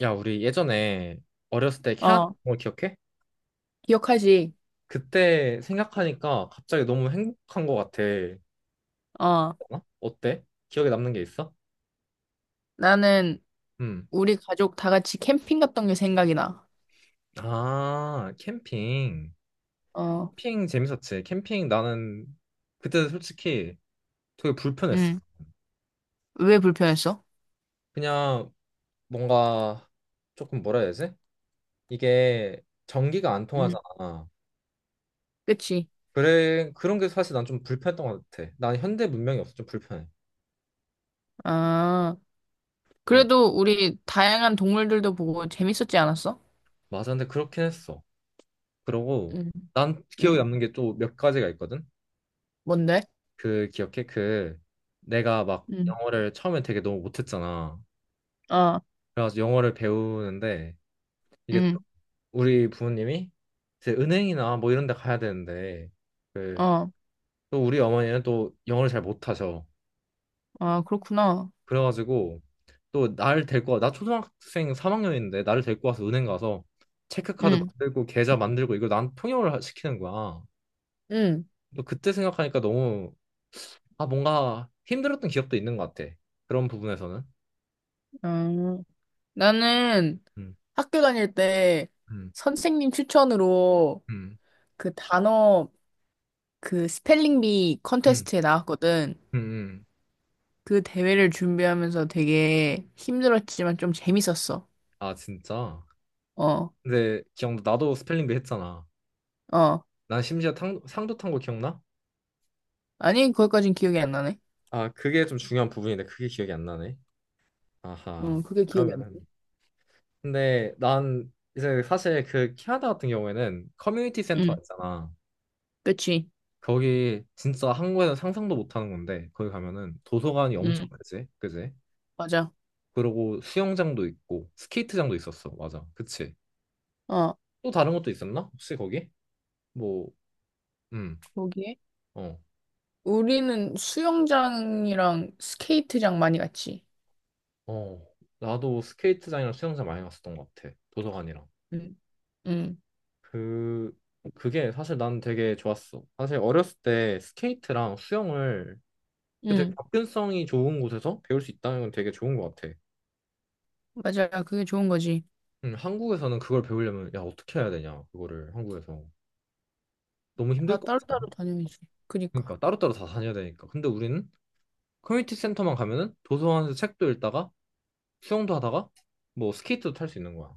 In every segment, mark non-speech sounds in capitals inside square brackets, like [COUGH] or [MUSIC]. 야, 우리 예전에 어렸을 때 캐나다 어, 간 거 기억해? 기억하지? 그때 생각하니까 갑자기 너무 행복한 거 같아. 어, 어? 어때? 기억에 남는 게 있어? 나는 음. 우리 가족 다 같이 캠핑 갔던 게 생각이 나. 아, 캠핑. 어, 캠핑 재밌었지. 캠핑 나는 그때 솔직히 되게 불편했어. 응. 왜 불편했어? 그냥 뭔가 조금 뭐라 해야 되지? 이게 전기가 안 응. 통하잖아. 그치. 그래, 그런 게 사실 난 좀 불편했던 것 같아. 난 현대 문명이 없어 좀 불편해. 아, 어, 그래도 우리 다양한 동물들도 보고 재밌었지 않았어? 맞아. 근데 그렇긴 했어. 그러고 응, 난 응. 기억에 남는 게 또 몇 가지가 있거든. 뭔데? 그 기억해? 내가 막 응, 영어를 처음에 되게 너무 못했잖아. 어, 그래가지고 영어를 배우는데 이게 응, 또 우리 부모님이 이제 은행이나 뭐 이런 데 가야 되는데 그 어, 또 우리 어머니는 또 영어를 잘 못하셔. 아, 그렇구나. 그래가지고 또 나 초등학생 3학년인데 나를 데리고 와서 은행 가서 체크카드 응, 만들고 계좌 만들고 이거 난 통역을 시키는 거야. 응, 또 그때 생각하니까 너무 아, 뭔가 힘들었던 기억도 있는 것 같아. 그런 부분에서는. 어. 나는 음, 학교 다닐 때 음, 선생님 추천으로 음, 그 단어 그 스펠링 비 음, 컨테스트에 나왔거든. 음. 그 대회를 준비하면서 되게 힘들었지만 좀 재밌었어. 아, 진짜. 어, 근데 기억나. 나도 스펠링비 했잖아. 어. 난 심지어 상도 탄 거 기억나? 아니, 거기까진 기억이 안 나네. 아, 그게 좀 중요한 부분인데 그게 기억이 안 나네. 아하. 응, 그게 기억이 안 나. 그러면은. 근데 난 이제 사실 그 캐나다 같은 경우에는 커뮤니티 센터 응, 가 있잖아. 그치. 거기 진짜 한국에서 상상도 못 하는 건데 거기 가면은 도서관이 엄청 응, 크지, 그지? 맞아. 그리고 수영장도 있고 스케이트장도 있었어. 맞아. 그치? 어, 또 다른 것도 있었나? 혹시 거기? 뭐, 음, 거기에. 어, 우리는 수영장이랑 스케이트장 많이 갔지. 어. 나도 스케이트장이랑 수영장 많이 갔었던 것 같아. 도서관이랑. 응, 응, 그, 그게 사실 난 되게 좋았어. 사실 어렸을 때 스케이트랑 수영을 되게 응. 접근성이 좋은 곳에서 배울 수 있다는 건 되게 좋은 것 같아. 맞아. 그게 좋은 거지. 한국에서는 그걸 배우려면, 야, 어떻게 해야 되냐, 그거를 한국에서. 너무 다 힘들 것 같지 않아? 따로따로 다녀야지. 그니까. 그러니까 따로따로 다 다녀야 되니까. 근데 우리는 커뮤니티 센터만 가면은 도서관에서 책도 읽다가 수영도 하다가 뭐 스케이트도 탈 수 있는 거야.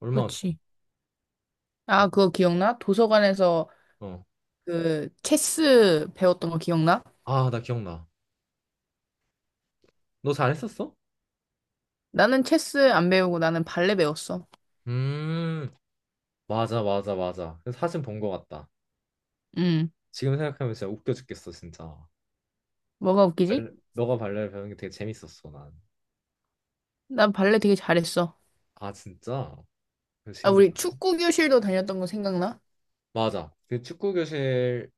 얼마나 좋아. 그치. 어, 아, 그거 기억나? 도서관에서 어. 그 체스 배웠던 거 기억나? 아, 나 기억나. 너 잘했었어? 나는 체스 안 배우고 나는 발레 배웠어. 음, 맞아, 맞아, 맞아. 그래서 사진 본 거 같다. 응. 지금 생각하면 진짜 웃겨 죽겠어, 진짜. 뭐가 웃기지? 발레, 너가 발레를 배우는 게 되게 재밌었어, 난. 난 발레 되게 잘했어. 아, 진짜? 그 아, 우리 신기하다. 축구 교실도 다녔던 거 생각나? 맞아. 그 축구 교실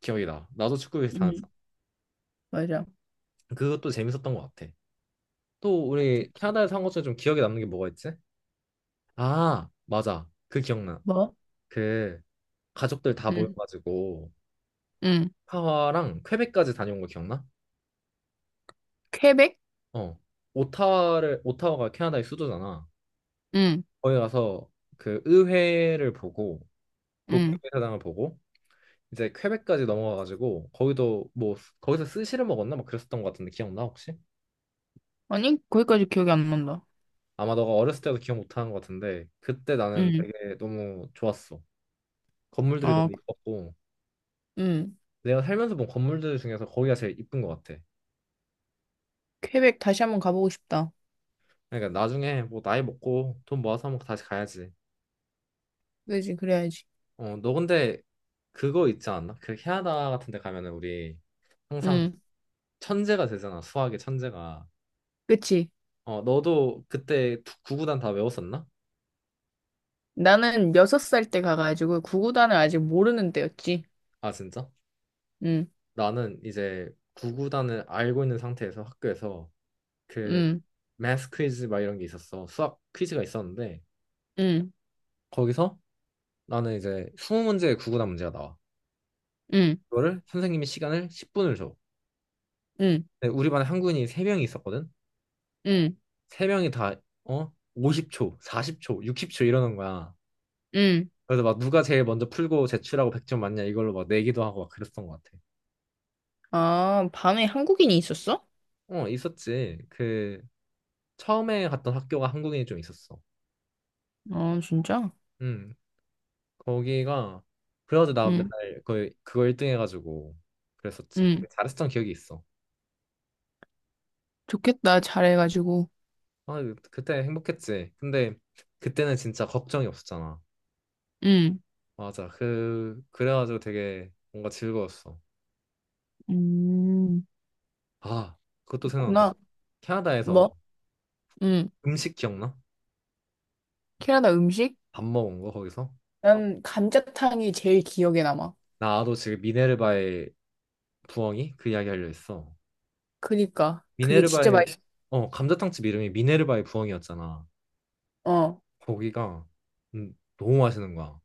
기억이 나. 나도 축구 교실 다녔어. 응, 맞아. 그것도 재밌었던 것 같아. 또 우리 캐나다에서 한 것 중에 좀 기억에 남는 게 뭐가 있지? 아, 맞아. 그 기억나. 뭐? 그 가족들 다 응, 모여가지고 응. 파와랑 퀘벡까지 다녀온 거 기억나? 퀘벡? 어, 오타와가 캐나다의 수도잖아. 응, 거기 가서 그 의회를 보고, 응. 국회의사당을 보고, 이제 퀘벡까지 넘어가가지고, 거기도 뭐, 거기서 스시를 먹었나? 막 그랬었던 것 같은데, 기억나, 혹시? 아니, 거기까지 기억이 안 난다. 아마 너가 어렸을 때도 기억 못하는 것 같은데, 그때 나는 응, 되게 너무 좋았어. 건물들이 아, 너무 이뻤고, 응. 내가 살면서 본 건물들 중에서 거기가 제일 이쁜 것 같아. 퀘벡 다시 한번 가보고 싶다. 그러니까 나중에 뭐 나이 먹고 돈 모아서 한번 다시 가야지. 그지, 그래야지. 어, 너 근데 그거 있지 않나? 그 캐나다 같은 데 가면은 우리 항상 응, 천재가 되잖아. 수학의 천재가. 그치. 어, 너도 그때 구구단 다 외웠었나? 나는 여섯 살 때 가가지고 구구단을 아직 모르는 때였지. 아, 진짜? 응, 나는 이제 구구단을 알고 있는 상태에서 학교에서 그 응, math 퀴즈 막 이런 게 있었어. 수학 퀴즈가 있었는데 응, 거기서 나는 이제 20문제의 구구단 문제가 나와. 응, 그거를 선생님이 시간을 10분을 줘. 응, 근데 우리 반에 한국인이 3명이 있었거든. 응, 3명이 다 어? 50초, 40초, 60초 이러는 거야. 응. 그래서 막 누가 제일 먼저 풀고 제출하고 100점 맞냐 이걸로 막 내기도 하고 막 그랬던 것 같아. 아, 반에 한국인이 있었어? 어, 있었지. 그 처음에 갔던 학교가 한국인이 좀 있었어. 아, 진짜? 음, 거기가 그래가지고 나 응, 맨날 거의 그거 1등 해가지고 그랬었지. 응. 잘했던 기억이 있어. 좋겠다. 잘해가지고. 아, 그때 행복했지. 근데 그때는 진짜 걱정이 없었잖아. 응. 맞아. 그래가지고 되게 뭔가 즐거웠어. 음, 아, 그것도 생각난다. 그렇구나. 캐나다에서 뭐? 응. 음식 기억나? 캐나다 음식? 밥 먹은 거 거기서? 난 감자탕이 제일 기억에 남아. 나도 지금 미네르바의 부엉이 그 이야기 하려 했어. 그니까. 그게 진짜 미네르바의 맛있어. 감자탕집 이름이 미네르바의 부엉이였잖아. 어. 거기가 너무 맛있는 거야.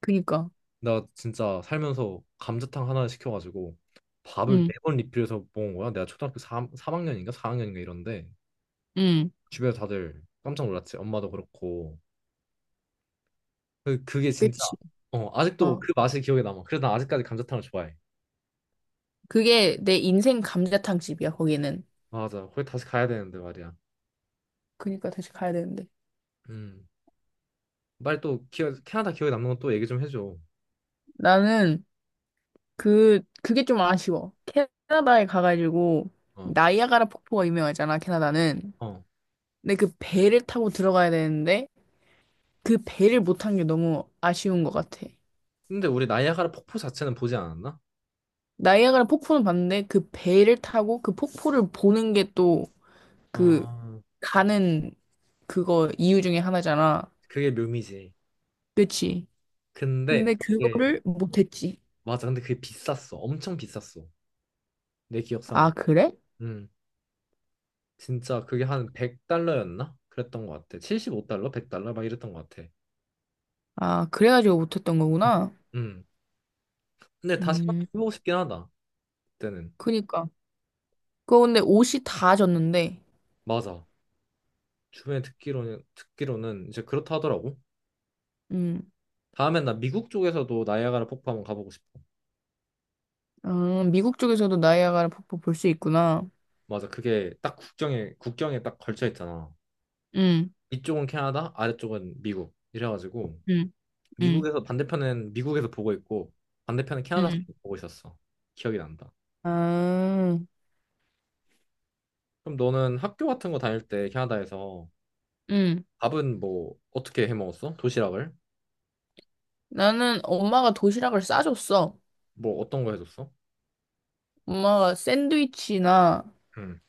그니까. 나 진짜 살면서 감자탕 하나 시켜가지고 밥을 응. 네 번 리필해서 먹은 거야. 내가 초등학교 학년인가 4학년인가 이런데 응. 주변에서 다들 깜짝 놀랐지. 엄마도 그렇고. 그게 진짜 그치. 아직도 어. 그 맛이 기억에 남아. 그래서 나 아직까지 감자탕을 좋아해. 그게 내 인생 감자탕 집이야, 거기는. 맞아. 거기 다시 가야 되는데 말이야. 그니까 다시 가야 되는데. 음. 빨리 또 캐나다 기억에 남는 건 또 얘기 좀 해줘. 나는 그게 좀 아쉬워. 캐나다에 가가지고, 어. 나이아가라 폭포가 유명하잖아, 캐나다는. 어. 근데 그 배를 타고 들어가야 되는데, 그 배를 못 탄 게 너무 아쉬운 것 같아. 근데 우리 나이아가라 폭포 자체는 보지 않았나? 나이아가라 폭포는 봤는데 그 배를 타고 그 폭포를 보는 게 또 그 아, 가는 그거 이유 중에 하나잖아. 그게 묘미지. 그치? 근데 근데 그게 그거를 못했지. 맞아. 근데 그게 비쌌어. 엄청 비쌌어. 내 아, 기억상으로. 그래? 음, 진짜 그게 한 100달러였나? 그랬던 것 같아. 75달러, 100달러 막 이랬던 것 같아. 아, 그래가지고 못했던 [LAUGHS] 음. 거구나. 음. 근데 다시 한번 음, 해보고 싶긴 하다. 그때는. 그니까. 그거 근데 옷이 다 졌는데. 맞아. 주변에 듣기로는 이제 그렇다 하더라고. 음, 다음엔 나 미국 쪽에서도 나이아가라 폭포 한번 가보고 싶어. 아, 미국 쪽에서도 나이아가라 폭포 볼 수 있구나. 맞아. 그게 딱 국경에 딱 걸쳐 있잖아. 음, 이쪽은 캐나다, 아래쪽은 미국. 이래가지고 음, 음, 미국에서 반대편은 미국에서 보고 있고 반대편은 캐나다에서 음. 보고 있었어. 기억이 난다. 아, 그럼 너는 학교 같은 거 다닐 때 캐나다에서 음. 밥은 뭐 어떻게 해 먹었어? 도시락을? 나는 엄마가 도시락을 싸줬어. 뭐 어떤 거 해줬어? 엄마가 샌드위치나 응.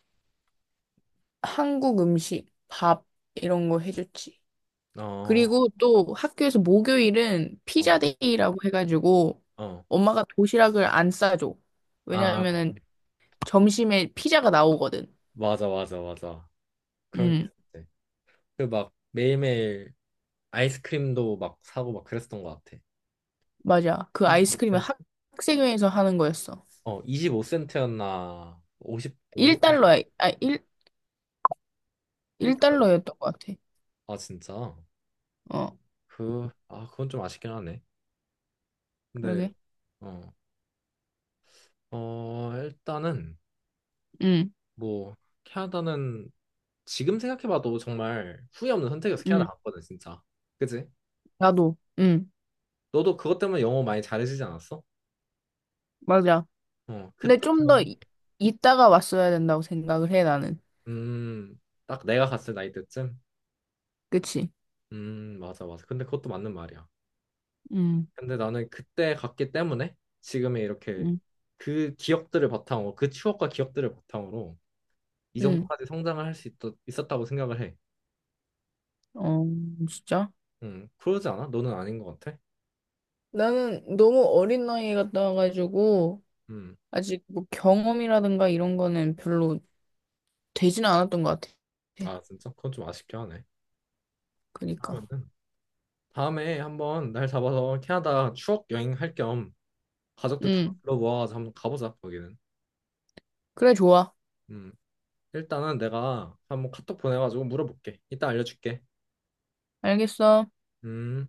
한국 음식, 밥 이런 거 해줬지. 어, 그리고 또 학교에서 목요일은 어, 피자데이라고 해가지고 어. 엄마가 도시락을 안 싸줘. 아, 왜냐하면은 점심에 피자가 나오거든. 맞아, 맞아, 맞아. 그런 게 응 있었지. 그 막 매일매일 아이스크림도 막 사고 막 그랬었던 것 같아. 맞아. 25센트. 학생회에서 하는 거였어. 어, 25센트였나? 50, 50, 1달러야. 아, 일 1달러. 1달러였던 것 같아. 아, 진짜? 어, 아, 그건 좀 아쉽긴 하네. 네. 그러게. 어, 어, 일단은 응, 뭐 캐나다는 지금 생각해봐도 정말 후회 없는 선택이어서 캐나다 응. 갔거든 진짜. 그지? 나도. 응, 너도 그것 때문에 영어 많이 잘해지지 않았어? 맞아. 어, 근데 그때 좀 더 경험이? 이따가 왔어야 된다고 생각을 해, 나는. 음, 딱 내가 갔을 나이 때쯤. 그치? 맞아, 맞아. 근데 그것도 맞는 말이야. 음, 근데 나는 그때 갔기 때문에 지금의 이렇게 음, 그 기억들을 바탕으로 그 추억과 기억들을 바탕으로 이 응. 정도까지 성장을 할 수 있었다고 생각을 해. 어, 진짜? 그러지 않아? 너는 아닌 것 같아? 나는 너무 어린 나이에 갔다 와가지고, 음. 아직 뭐 경험이라든가 이런 거는 별로 되지는 않았던 것 같아. 아 진짜? 그건 좀 아쉽게 하네. 그니까. 그러면은 다음에 한번 날 잡아서 캐나다 추억 여행 할 겸 가족들 다 응. 불러모아서 한번 가보자 거기는. 그래, 좋아. 음 일단은 내가 한번 카톡 보내가지고 물어볼게. 이따 알려줄게. 알겠어. 음.